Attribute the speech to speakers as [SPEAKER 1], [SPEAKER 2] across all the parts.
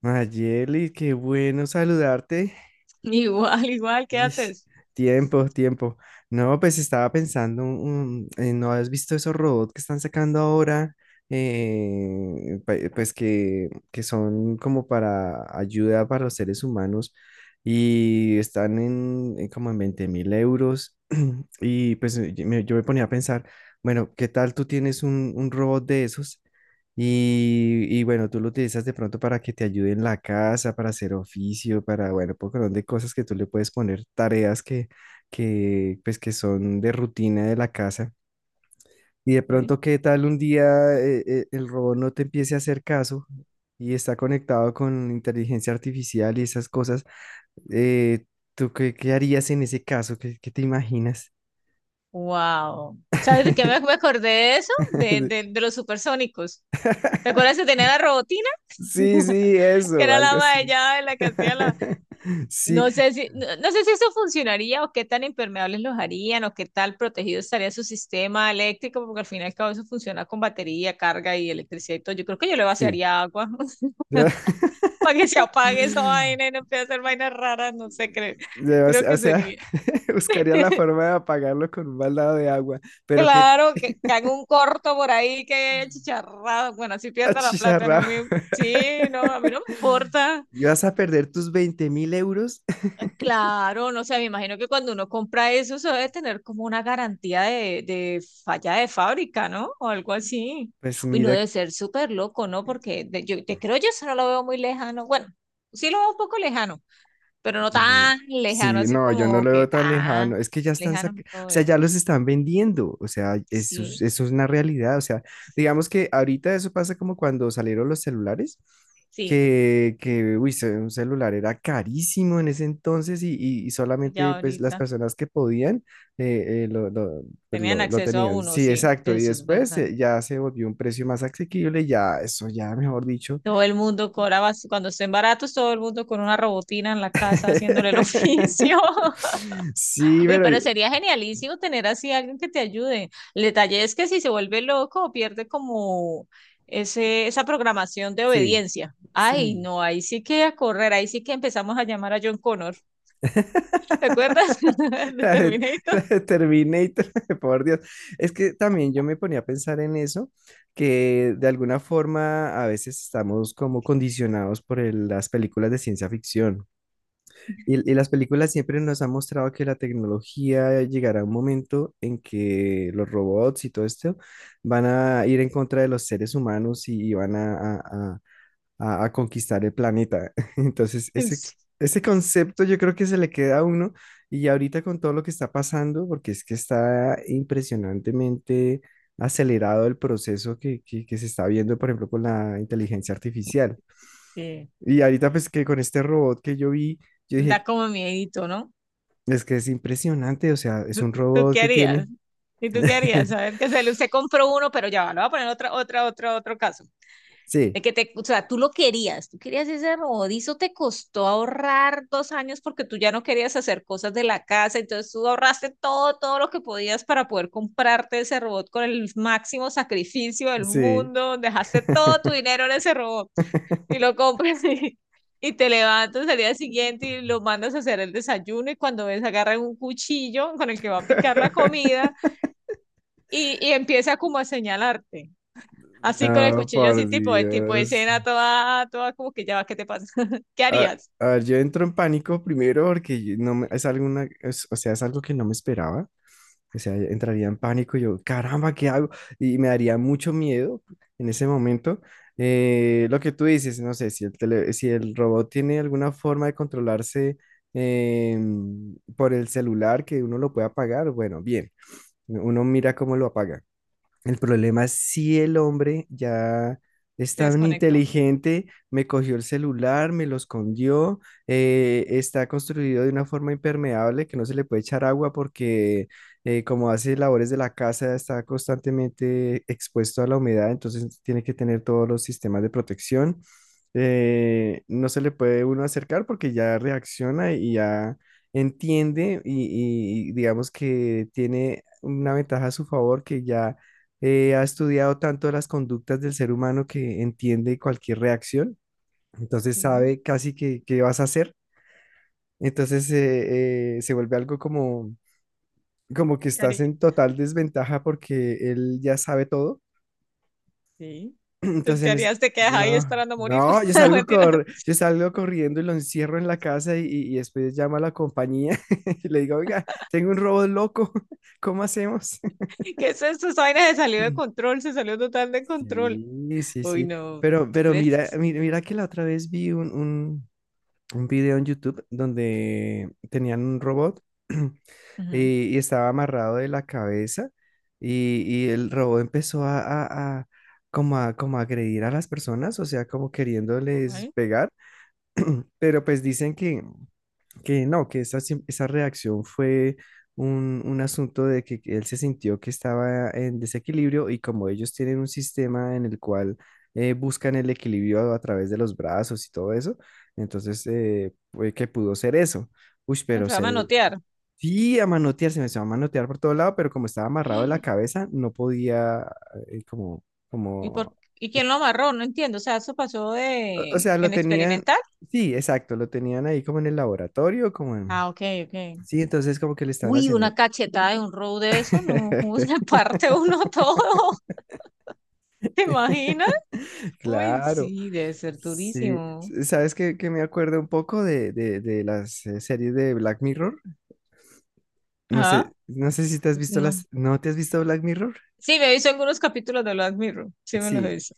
[SPEAKER 1] Mayeli, qué bueno saludarte.
[SPEAKER 2] Igual, igual, ¿qué
[SPEAKER 1] Ish,
[SPEAKER 2] haces?
[SPEAKER 1] tiempo, tiempo. No, pues estaba pensando, ¿no has visto esos robots que están sacando ahora? Pues que son como para ayuda para los seres humanos y están en como en 20.000 euros. Y pues yo me ponía a pensar, bueno, ¿qué tal tú tienes un robot de esos? Y bueno, tú lo utilizas de pronto para que te ayude en la casa, para hacer oficio, para, bueno, un montón de cosas que tú le puedes poner, tareas pues, que son de rutina de la casa. Y de
[SPEAKER 2] ¿Eh?
[SPEAKER 1] pronto, ¿qué tal un día el robot no te empiece a hacer caso y está conectado con inteligencia artificial y esas cosas? Eh, ¿Tú qué harías en ese caso? ¿Qué te imaginas?
[SPEAKER 2] Wow. ¿Sabes de qué me acordé de eso? De los supersónicos. ¿Te acuerdas que tenía la robotina?
[SPEAKER 1] Sí, sí,
[SPEAKER 2] Que
[SPEAKER 1] eso,
[SPEAKER 2] era la
[SPEAKER 1] algo
[SPEAKER 2] ama de
[SPEAKER 1] así.
[SPEAKER 2] llave, la que hacía la...
[SPEAKER 1] Sí,
[SPEAKER 2] No sé si, no, no sé si eso funcionaría o qué tan impermeables los harían o qué tal protegido estaría su sistema eléctrico, porque al fin y al cabo eso funciona con batería, carga y electricidad y todo. Yo creo que yo le
[SPEAKER 1] sí.
[SPEAKER 2] vaciaría agua
[SPEAKER 1] Yo,
[SPEAKER 2] para que se apague esa vaina y no empiece a hacer vainas raras, no sé, creo,
[SPEAKER 1] yo,
[SPEAKER 2] creo que sería.
[SPEAKER 1] buscaría la forma de apagarlo con un baldado de agua, pero qué
[SPEAKER 2] Claro, que haga un corto por ahí, que chicharrado. Bueno, si pierda la plata, no
[SPEAKER 1] achicharrado.
[SPEAKER 2] me. Sí, no, a mí no me importa.
[SPEAKER 1] ¿Vas a perder tus 20.000 euros?
[SPEAKER 2] Claro, no sé, me imagino que cuando uno compra eso, eso debe tener como una garantía de falla de fábrica, ¿no? O algo así.
[SPEAKER 1] Pues
[SPEAKER 2] Uy, no
[SPEAKER 1] mira.
[SPEAKER 2] debe ser súper loco, ¿no? Porque yo te creo, yo eso no lo veo muy lejano. Bueno, sí lo veo un poco lejano, pero no
[SPEAKER 1] Mm,
[SPEAKER 2] tan lejano,
[SPEAKER 1] Sí,
[SPEAKER 2] así
[SPEAKER 1] no, yo no
[SPEAKER 2] como
[SPEAKER 1] lo
[SPEAKER 2] que
[SPEAKER 1] veo tan
[SPEAKER 2] tan
[SPEAKER 1] lejano. Es que ya están
[SPEAKER 2] lejano no
[SPEAKER 1] o
[SPEAKER 2] lo
[SPEAKER 1] sea,
[SPEAKER 2] veo.
[SPEAKER 1] ya los están vendiendo. O sea, eso,
[SPEAKER 2] Sí,
[SPEAKER 1] eso es una realidad. O sea, digamos que ahorita eso pasa como cuando salieron los celulares,
[SPEAKER 2] sí,
[SPEAKER 1] que uy, un celular era carísimo en ese entonces y
[SPEAKER 2] ya
[SPEAKER 1] solamente pues las
[SPEAKER 2] ahorita.
[SPEAKER 1] personas que podían eh, eh, lo, lo, pues,
[SPEAKER 2] Tenían
[SPEAKER 1] lo
[SPEAKER 2] acceso a
[SPEAKER 1] tenían.
[SPEAKER 2] uno,
[SPEAKER 1] Sí,
[SPEAKER 2] sí,
[SPEAKER 1] exacto. Y
[SPEAKER 2] eso es
[SPEAKER 1] después
[SPEAKER 2] verdad.
[SPEAKER 1] ya se volvió un precio más asequible, ya, eso ya, mejor dicho.
[SPEAKER 2] Todo el mundo cobraba, cuando estén baratos, todo el mundo con una robotina en la casa haciéndole el oficio.
[SPEAKER 1] Sí,
[SPEAKER 2] Uy,
[SPEAKER 1] pero.
[SPEAKER 2] pero sería genialísimo tener así alguien que te ayude. El detalle es que si se vuelve loco, pierde como esa programación de
[SPEAKER 1] Sí,
[SPEAKER 2] obediencia. Ay,
[SPEAKER 1] sí.
[SPEAKER 2] no, ahí sí que a correr, ahí sí que empezamos a llamar a John Connor. ¿Te acuerdas? De
[SPEAKER 1] La de, la
[SPEAKER 2] Terminator.
[SPEAKER 1] de Terminator, por Dios. Es que también yo me ponía a pensar en eso, que de alguna forma a veces estamos como condicionados por las películas de ciencia ficción. Y las películas siempre nos han mostrado que la tecnología llegará a un momento en que los robots y todo esto van a ir en contra de los seres humanos y van a, a- a- a, a conquistar el planeta. Entonces, ese, ese concepto yo creo que se le queda a uno y ahorita con todo lo que está pasando, porque es que está impresionantemente acelerado el proceso que se está viendo, por ejemplo, con la inteligencia artificial.
[SPEAKER 2] Sí.
[SPEAKER 1] Y ahorita pues que con este robot que yo vi, yo
[SPEAKER 2] Da
[SPEAKER 1] dije,
[SPEAKER 2] como miedito, ¿no?
[SPEAKER 1] es que es impresionante, o sea, es
[SPEAKER 2] ¿Tú,
[SPEAKER 1] un
[SPEAKER 2] tú
[SPEAKER 1] robot
[SPEAKER 2] qué
[SPEAKER 1] que
[SPEAKER 2] harías?
[SPEAKER 1] tiene.
[SPEAKER 2] ¿Y tú qué harías? Saber que usted compró uno, pero ya va, le voy a poner otro caso.
[SPEAKER 1] Sí,
[SPEAKER 2] De que te, o sea, tú lo querías, tú querías ese rodillo. Te costó ahorrar dos años porque tú ya no querías hacer cosas de la casa, entonces tú ahorraste todo, todo lo que podías para poder comprarte ese robot con el máximo sacrificio del
[SPEAKER 1] sí.
[SPEAKER 2] mundo, dejaste todo tu dinero en ese robot y lo compras y te levantas al día siguiente y lo mandas a hacer el desayuno y cuando ves agarran un cuchillo con el que va a picar la comida y empieza como a señalarte. Así con el
[SPEAKER 1] No,
[SPEAKER 2] cuchillo, así
[SPEAKER 1] por
[SPEAKER 2] tipo de
[SPEAKER 1] Dios.
[SPEAKER 2] escena, toda, toda como que ya va, ¿qué te pasa? ¿Qué
[SPEAKER 1] A,
[SPEAKER 2] harías?
[SPEAKER 1] a ver, yo entro en pánico primero porque yo no me- es alguna, es- o sea, es algo que no me esperaba. O sea, entraría en pánico y yo, caramba, ¿qué hago? Y me daría mucho miedo en ese momento. Lo que tú dices, no sé, si si el robot tiene alguna forma de controlarse por el celular que uno lo pueda apagar, bueno, bien, uno mira cómo lo apaga. El problema es si el hombre ya es
[SPEAKER 2] Te
[SPEAKER 1] tan
[SPEAKER 2] desconectó.
[SPEAKER 1] inteligente, me cogió el celular, me lo escondió, está construido de una forma impermeable que no se le puede echar agua porque como hace labores de la casa está constantemente expuesto a la humedad, entonces tiene que tener todos los sistemas de protección. No se le puede uno acercar porque ya reacciona y ya entiende y digamos que tiene una ventaja a su favor que ya ha estudiado tanto las conductas del ser humano que entiende cualquier reacción, entonces
[SPEAKER 2] Sí.
[SPEAKER 1] sabe casi que qué vas a hacer, entonces se vuelve algo como, que
[SPEAKER 2] ¿Qué
[SPEAKER 1] estás
[SPEAKER 2] haría?
[SPEAKER 1] en total desventaja porque él ya sabe todo.
[SPEAKER 2] Sí. Entonces,
[SPEAKER 1] entonces
[SPEAKER 2] ¿qué
[SPEAKER 1] en es-
[SPEAKER 2] harías? ¿Te quedas ahí
[SPEAKER 1] no,
[SPEAKER 2] esperando a morir?
[SPEAKER 1] no, yo
[SPEAKER 2] No,
[SPEAKER 1] salgo,
[SPEAKER 2] mentira.
[SPEAKER 1] yo salgo corriendo y lo encierro en la casa y después llamo a la compañía y le digo, oiga, tengo un robot loco. ¿Cómo hacemos?
[SPEAKER 2] ¿Qué es esto? Esa vaina se salió de control, se salió total de control.
[SPEAKER 1] Sí, sí,
[SPEAKER 2] Uy,
[SPEAKER 1] sí.
[SPEAKER 2] no.
[SPEAKER 1] Pero
[SPEAKER 2] ¿Crees?
[SPEAKER 1] mira, mira, mira que la otra vez vi un video en YouTube donde tenían un robot
[SPEAKER 2] Ujú.
[SPEAKER 1] y, y estaba amarrado de la cabeza, y el robot empezó como a agredir a las personas, o sea, como queriéndoles
[SPEAKER 2] Ay,
[SPEAKER 1] pegar. Pero pues dicen que no, que esa, esa reacción fue un asunto de que él se sintió que estaba en desequilibrio y como ellos tienen un sistema en el cual buscan el equilibrio a través de los brazos y todo eso, entonces fue que pudo ser eso. Uy,
[SPEAKER 2] me
[SPEAKER 1] pero
[SPEAKER 2] fue a
[SPEAKER 1] se ve,
[SPEAKER 2] manotear.
[SPEAKER 1] sí, a manotear, se me empezó a manotear por todo lado, pero como estaba amarrado de la cabeza, no podía. eh, como,
[SPEAKER 2] ¿Y por,
[SPEAKER 1] como,
[SPEAKER 2] y quién lo amarró? No entiendo. O sea, eso pasó
[SPEAKER 1] o
[SPEAKER 2] de
[SPEAKER 1] sea, lo
[SPEAKER 2] en
[SPEAKER 1] tenían,
[SPEAKER 2] experimental.
[SPEAKER 1] sí, exacto, lo tenían ahí como en el laboratorio, como en.
[SPEAKER 2] Ah, ok, ok.
[SPEAKER 1] Sí, entonces como que le estaban
[SPEAKER 2] Uy, una
[SPEAKER 1] haciendo.
[SPEAKER 2] cachetada de un row de eso, no, ¿cómo se parte uno todo? ¿Te imaginas? Uy,
[SPEAKER 1] Claro,
[SPEAKER 2] sí, debe ser
[SPEAKER 1] sí.
[SPEAKER 2] durísimo.
[SPEAKER 1] ¿Sabes qué me acuerdo un poco de las series de Black Mirror? No sé,
[SPEAKER 2] Ajá,
[SPEAKER 1] no sé si te has visto
[SPEAKER 2] no.
[SPEAKER 1] las. ¿No te has visto Black Mirror?
[SPEAKER 2] Sí, me he visto algunos capítulos de Black Mirror, sí me los he
[SPEAKER 1] Sí,
[SPEAKER 2] visto.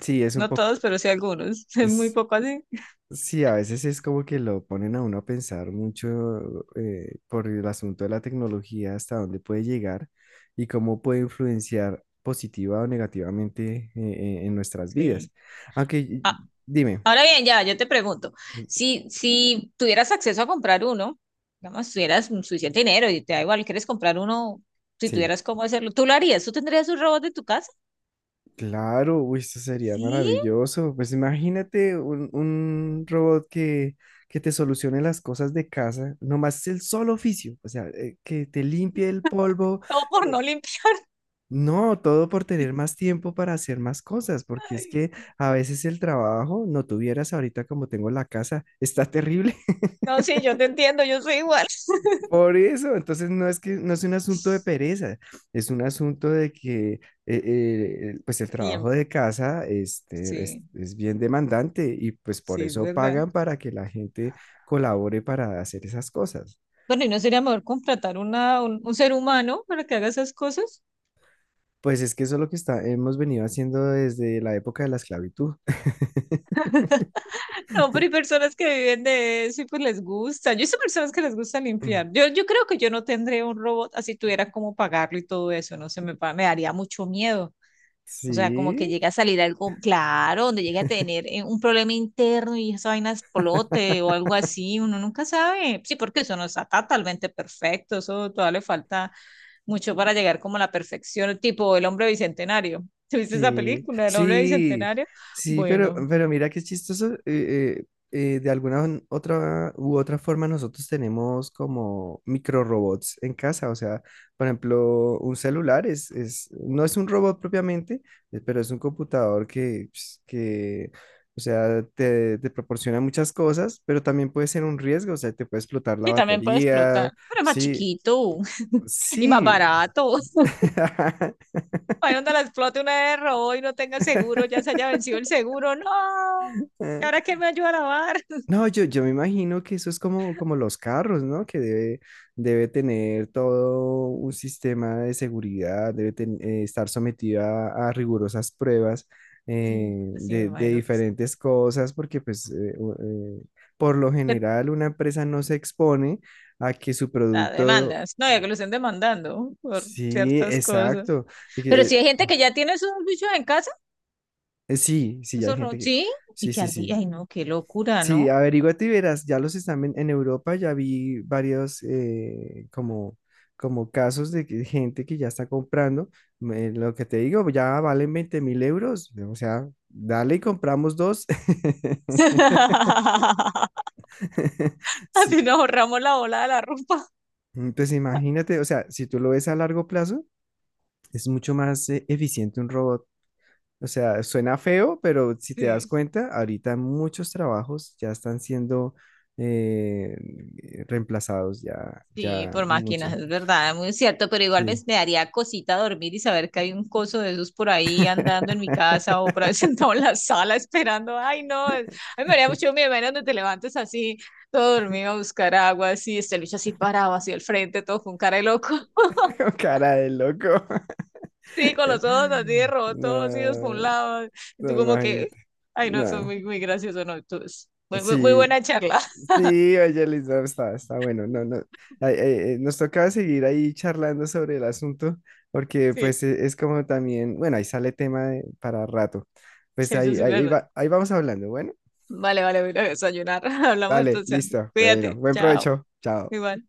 [SPEAKER 1] sí, es un
[SPEAKER 2] No
[SPEAKER 1] poco.
[SPEAKER 2] todos, pero sí algunos. Es muy
[SPEAKER 1] es-
[SPEAKER 2] poco así.
[SPEAKER 1] sí, a veces es como que lo ponen a uno a pensar mucho por el asunto de la tecnología, hasta dónde puede llegar y cómo puede influenciar positiva o negativamente en nuestras
[SPEAKER 2] Sí.
[SPEAKER 1] vidas. Aunque,
[SPEAKER 2] Ah,
[SPEAKER 1] dime,
[SPEAKER 2] ahora bien, ya, yo te pregunto, si, si tuvieras acceso a comprar uno, digamos, tuvieras suficiente dinero y te da igual, quieres comprar uno, si
[SPEAKER 1] sí.
[SPEAKER 2] tuvieras cómo hacerlo, ¿tú lo harías? ¿Tú tendrías un robot de tu casa?
[SPEAKER 1] Claro, uy, esto sería
[SPEAKER 2] Sí,
[SPEAKER 1] maravilloso. Pues imagínate un robot que te solucione las cosas de casa, nomás el solo oficio, o sea, que te limpie el polvo.
[SPEAKER 2] o por no
[SPEAKER 1] que-
[SPEAKER 2] limpiar.
[SPEAKER 1] No, todo por tener más tiempo para hacer más cosas, porque es que a veces el trabajo, no tuvieras ahorita como tengo la casa, está terrible.
[SPEAKER 2] No, sí, yo te entiendo, yo soy igual.
[SPEAKER 1] Por eso, entonces no es que no es un asunto de pereza, es un asunto de que pues el trabajo
[SPEAKER 2] Tiempo,
[SPEAKER 1] de casa este,
[SPEAKER 2] sí,
[SPEAKER 1] es bien demandante y pues por
[SPEAKER 2] sí, es
[SPEAKER 1] eso
[SPEAKER 2] verdad.
[SPEAKER 1] pagan para que la gente colabore para hacer esas cosas.
[SPEAKER 2] Bueno, ¿y no sería mejor contratar un ser humano para que haga esas cosas?
[SPEAKER 1] Pues es que eso es lo que está, hemos venido haciendo desde la época de la esclavitud.
[SPEAKER 2] No, pero hay personas que viven de eso y pues les gusta. Yo sé personas que les gusta limpiar. Yo creo que yo no tendría un robot así tuviera cómo pagarlo y todo eso, no sé, me, me daría mucho miedo. O sea, como que
[SPEAKER 1] Sí.
[SPEAKER 2] llega a salir algo, claro, donde llegue a tener un problema interno y esa vaina explote o algo así, uno nunca sabe. Sí, porque eso no está totalmente perfecto, eso todavía le falta mucho para llegar como a la perfección, tipo el hombre bicentenario. ¿Te viste esa
[SPEAKER 1] Sí,
[SPEAKER 2] película del hombre
[SPEAKER 1] sí,
[SPEAKER 2] bicentenario?
[SPEAKER 1] sí, pero,
[SPEAKER 2] Bueno,
[SPEAKER 1] pero mira qué chistoso. De alguna otra u otra forma nosotros tenemos como micro robots en casa. O sea, por ejemplo, un celular no es un robot propiamente, pero es un computador que, pues, que o sea, te proporciona muchas cosas, pero también puede ser un riesgo. O sea, te puede explotar la
[SPEAKER 2] sí, también puede explotar,
[SPEAKER 1] batería.
[SPEAKER 2] pero es más
[SPEAKER 1] Sí,
[SPEAKER 2] chiquito y más
[SPEAKER 1] sí.
[SPEAKER 2] barato. Ahí donde la explote una vez de robo y no tenga seguro, ya se haya vencido el seguro, no. ¿Y ahora quién me ayuda a lavar?
[SPEAKER 1] No, yo me imagino que eso es como, los carros, ¿no? Que debe tener todo un sistema de seguridad, debe estar sometido a rigurosas pruebas
[SPEAKER 2] Sí, pues sí, me
[SPEAKER 1] de
[SPEAKER 2] imagino que sí,
[SPEAKER 1] diferentes cosas, porque pues eh, por lo
[SPEAKER 2] que
[SPEAKER 1] general una empresa no se expone a que su
[SPEAKER 2] la
[SPEAKER 1] producto.
[SPEAKER 2] demandas, no, ya que lo estén demandando por
[SPEAKER 1] Sí,
[SPEAKER 2] ciertas cosas.
[SPEAKER 1] exacto. y
[SPEAKER 2] Pero si
[SPEAKER 1] que,
[SPEAKER 2] hay gente que ya tiene esos bichos en casa,
[SPEAKER 1] sí, sí, hay gente que.
[SPEAKER 2] sí, y
[SPEAKER 1] Sí,
[SPEAKER 2] que
[SPEAKER 1] sí,
[SPEAKER 2] al día,
[SPEAKER 1] sí.
[SPEAKER 2] ay no, qué locura,
[SPEAKER 1] Sí,
[SPEAKER 2] ¿no?
[SPEAKER 1] averíguate y verás, ya los están en Europa, ya vi varios como, como casos de que gente que ya está comprando, lo que te digo, ya valen 20.000 euros, o sea, dale y compramos dos. Sí,
[SPEAKER 2] Así nos ahorramos la bola de la ropa.
[SPEAKER 1] entonces imagínate, o sea, si tú lo ves a largo plazo, es mucho más eficiente un robot. O sea, suena feo, pero si te das
[SPEAKER 2] Sí.
[SPEAKER 1] cuenta, ahorita muchos trabajos ya están siendo eh, reemplazados, ya,
[SPEAKER 2] Sí,
[SPEAKER 1] ya
[SPEAKER 2] por máquinas,
[SPEAKER 1] muchos.
[SPEAKER 2] es verdad, muy cierto, pero igual me,
[SPEAKER 1] Sí.
[SPEAKER 2] me daría cosita dormir y saber que hay un coso de esos por ahí andando en mi casa o por ahí sentado en la sala esperando. Ay, no, a mí me haría mucho miedo, menos donde te levantes así, todo dormido a buscar agua, así, este lucha así parado, así al frente, todo con cara de loco.
[SPEAKER 1] Cara de loco.
[SPEAKER 2] Sí, con los ojos así de rotos, así dos por un
[SPEAKER 1] No,
[SPEAKER 2] lado. Y
[SPEAKER 1] no,
[SPEAKER 2] tú como que,
[SPEAKER 1] imagínate.
[SPEAKER 2] ay, no, eso es
[SPEAKER 1] No.
[SPEAKER 2] muy, muy gracioso, no, tú, es muy, muy, muy
[SPEAKER 1] Sí.
[SPEAKER 2] buena charla.
[SPEAKER 1] Sí, oye, Elisa, está bueno. No, no, ay, ay, nos tocaba seguir ahí charlando sobre el asunto, porque
[SPEAKER 2] Sí,
[SPEAKER 1] pues es como también, bueno, ahí sale tema para rato. Pues
[SPEAKER 2] sí, eso
[SPEAKER 1] ahí,
[SPEAKER 2] sí es
[SPEAKER 1] ahí,
[SPEAKER 2] verdad.
[SPEAKER 1] va- ahí vamos hablando. Bueno,
[SPEAKER 2] Vale, vale, voy a ir a desayunar. Hablamos
[SPEAKER 1] dale,
[SPEAKER 2] entonces. Antes.
[SPEAKER 1] listo. Bueno,
[SPEAKER 2] Cuídate,
[SPEAKER 1] buen
[SPEAKER 2] chao.
[SPEAKER 1] provecho. Chao.
[SPEAKER 2] Igual.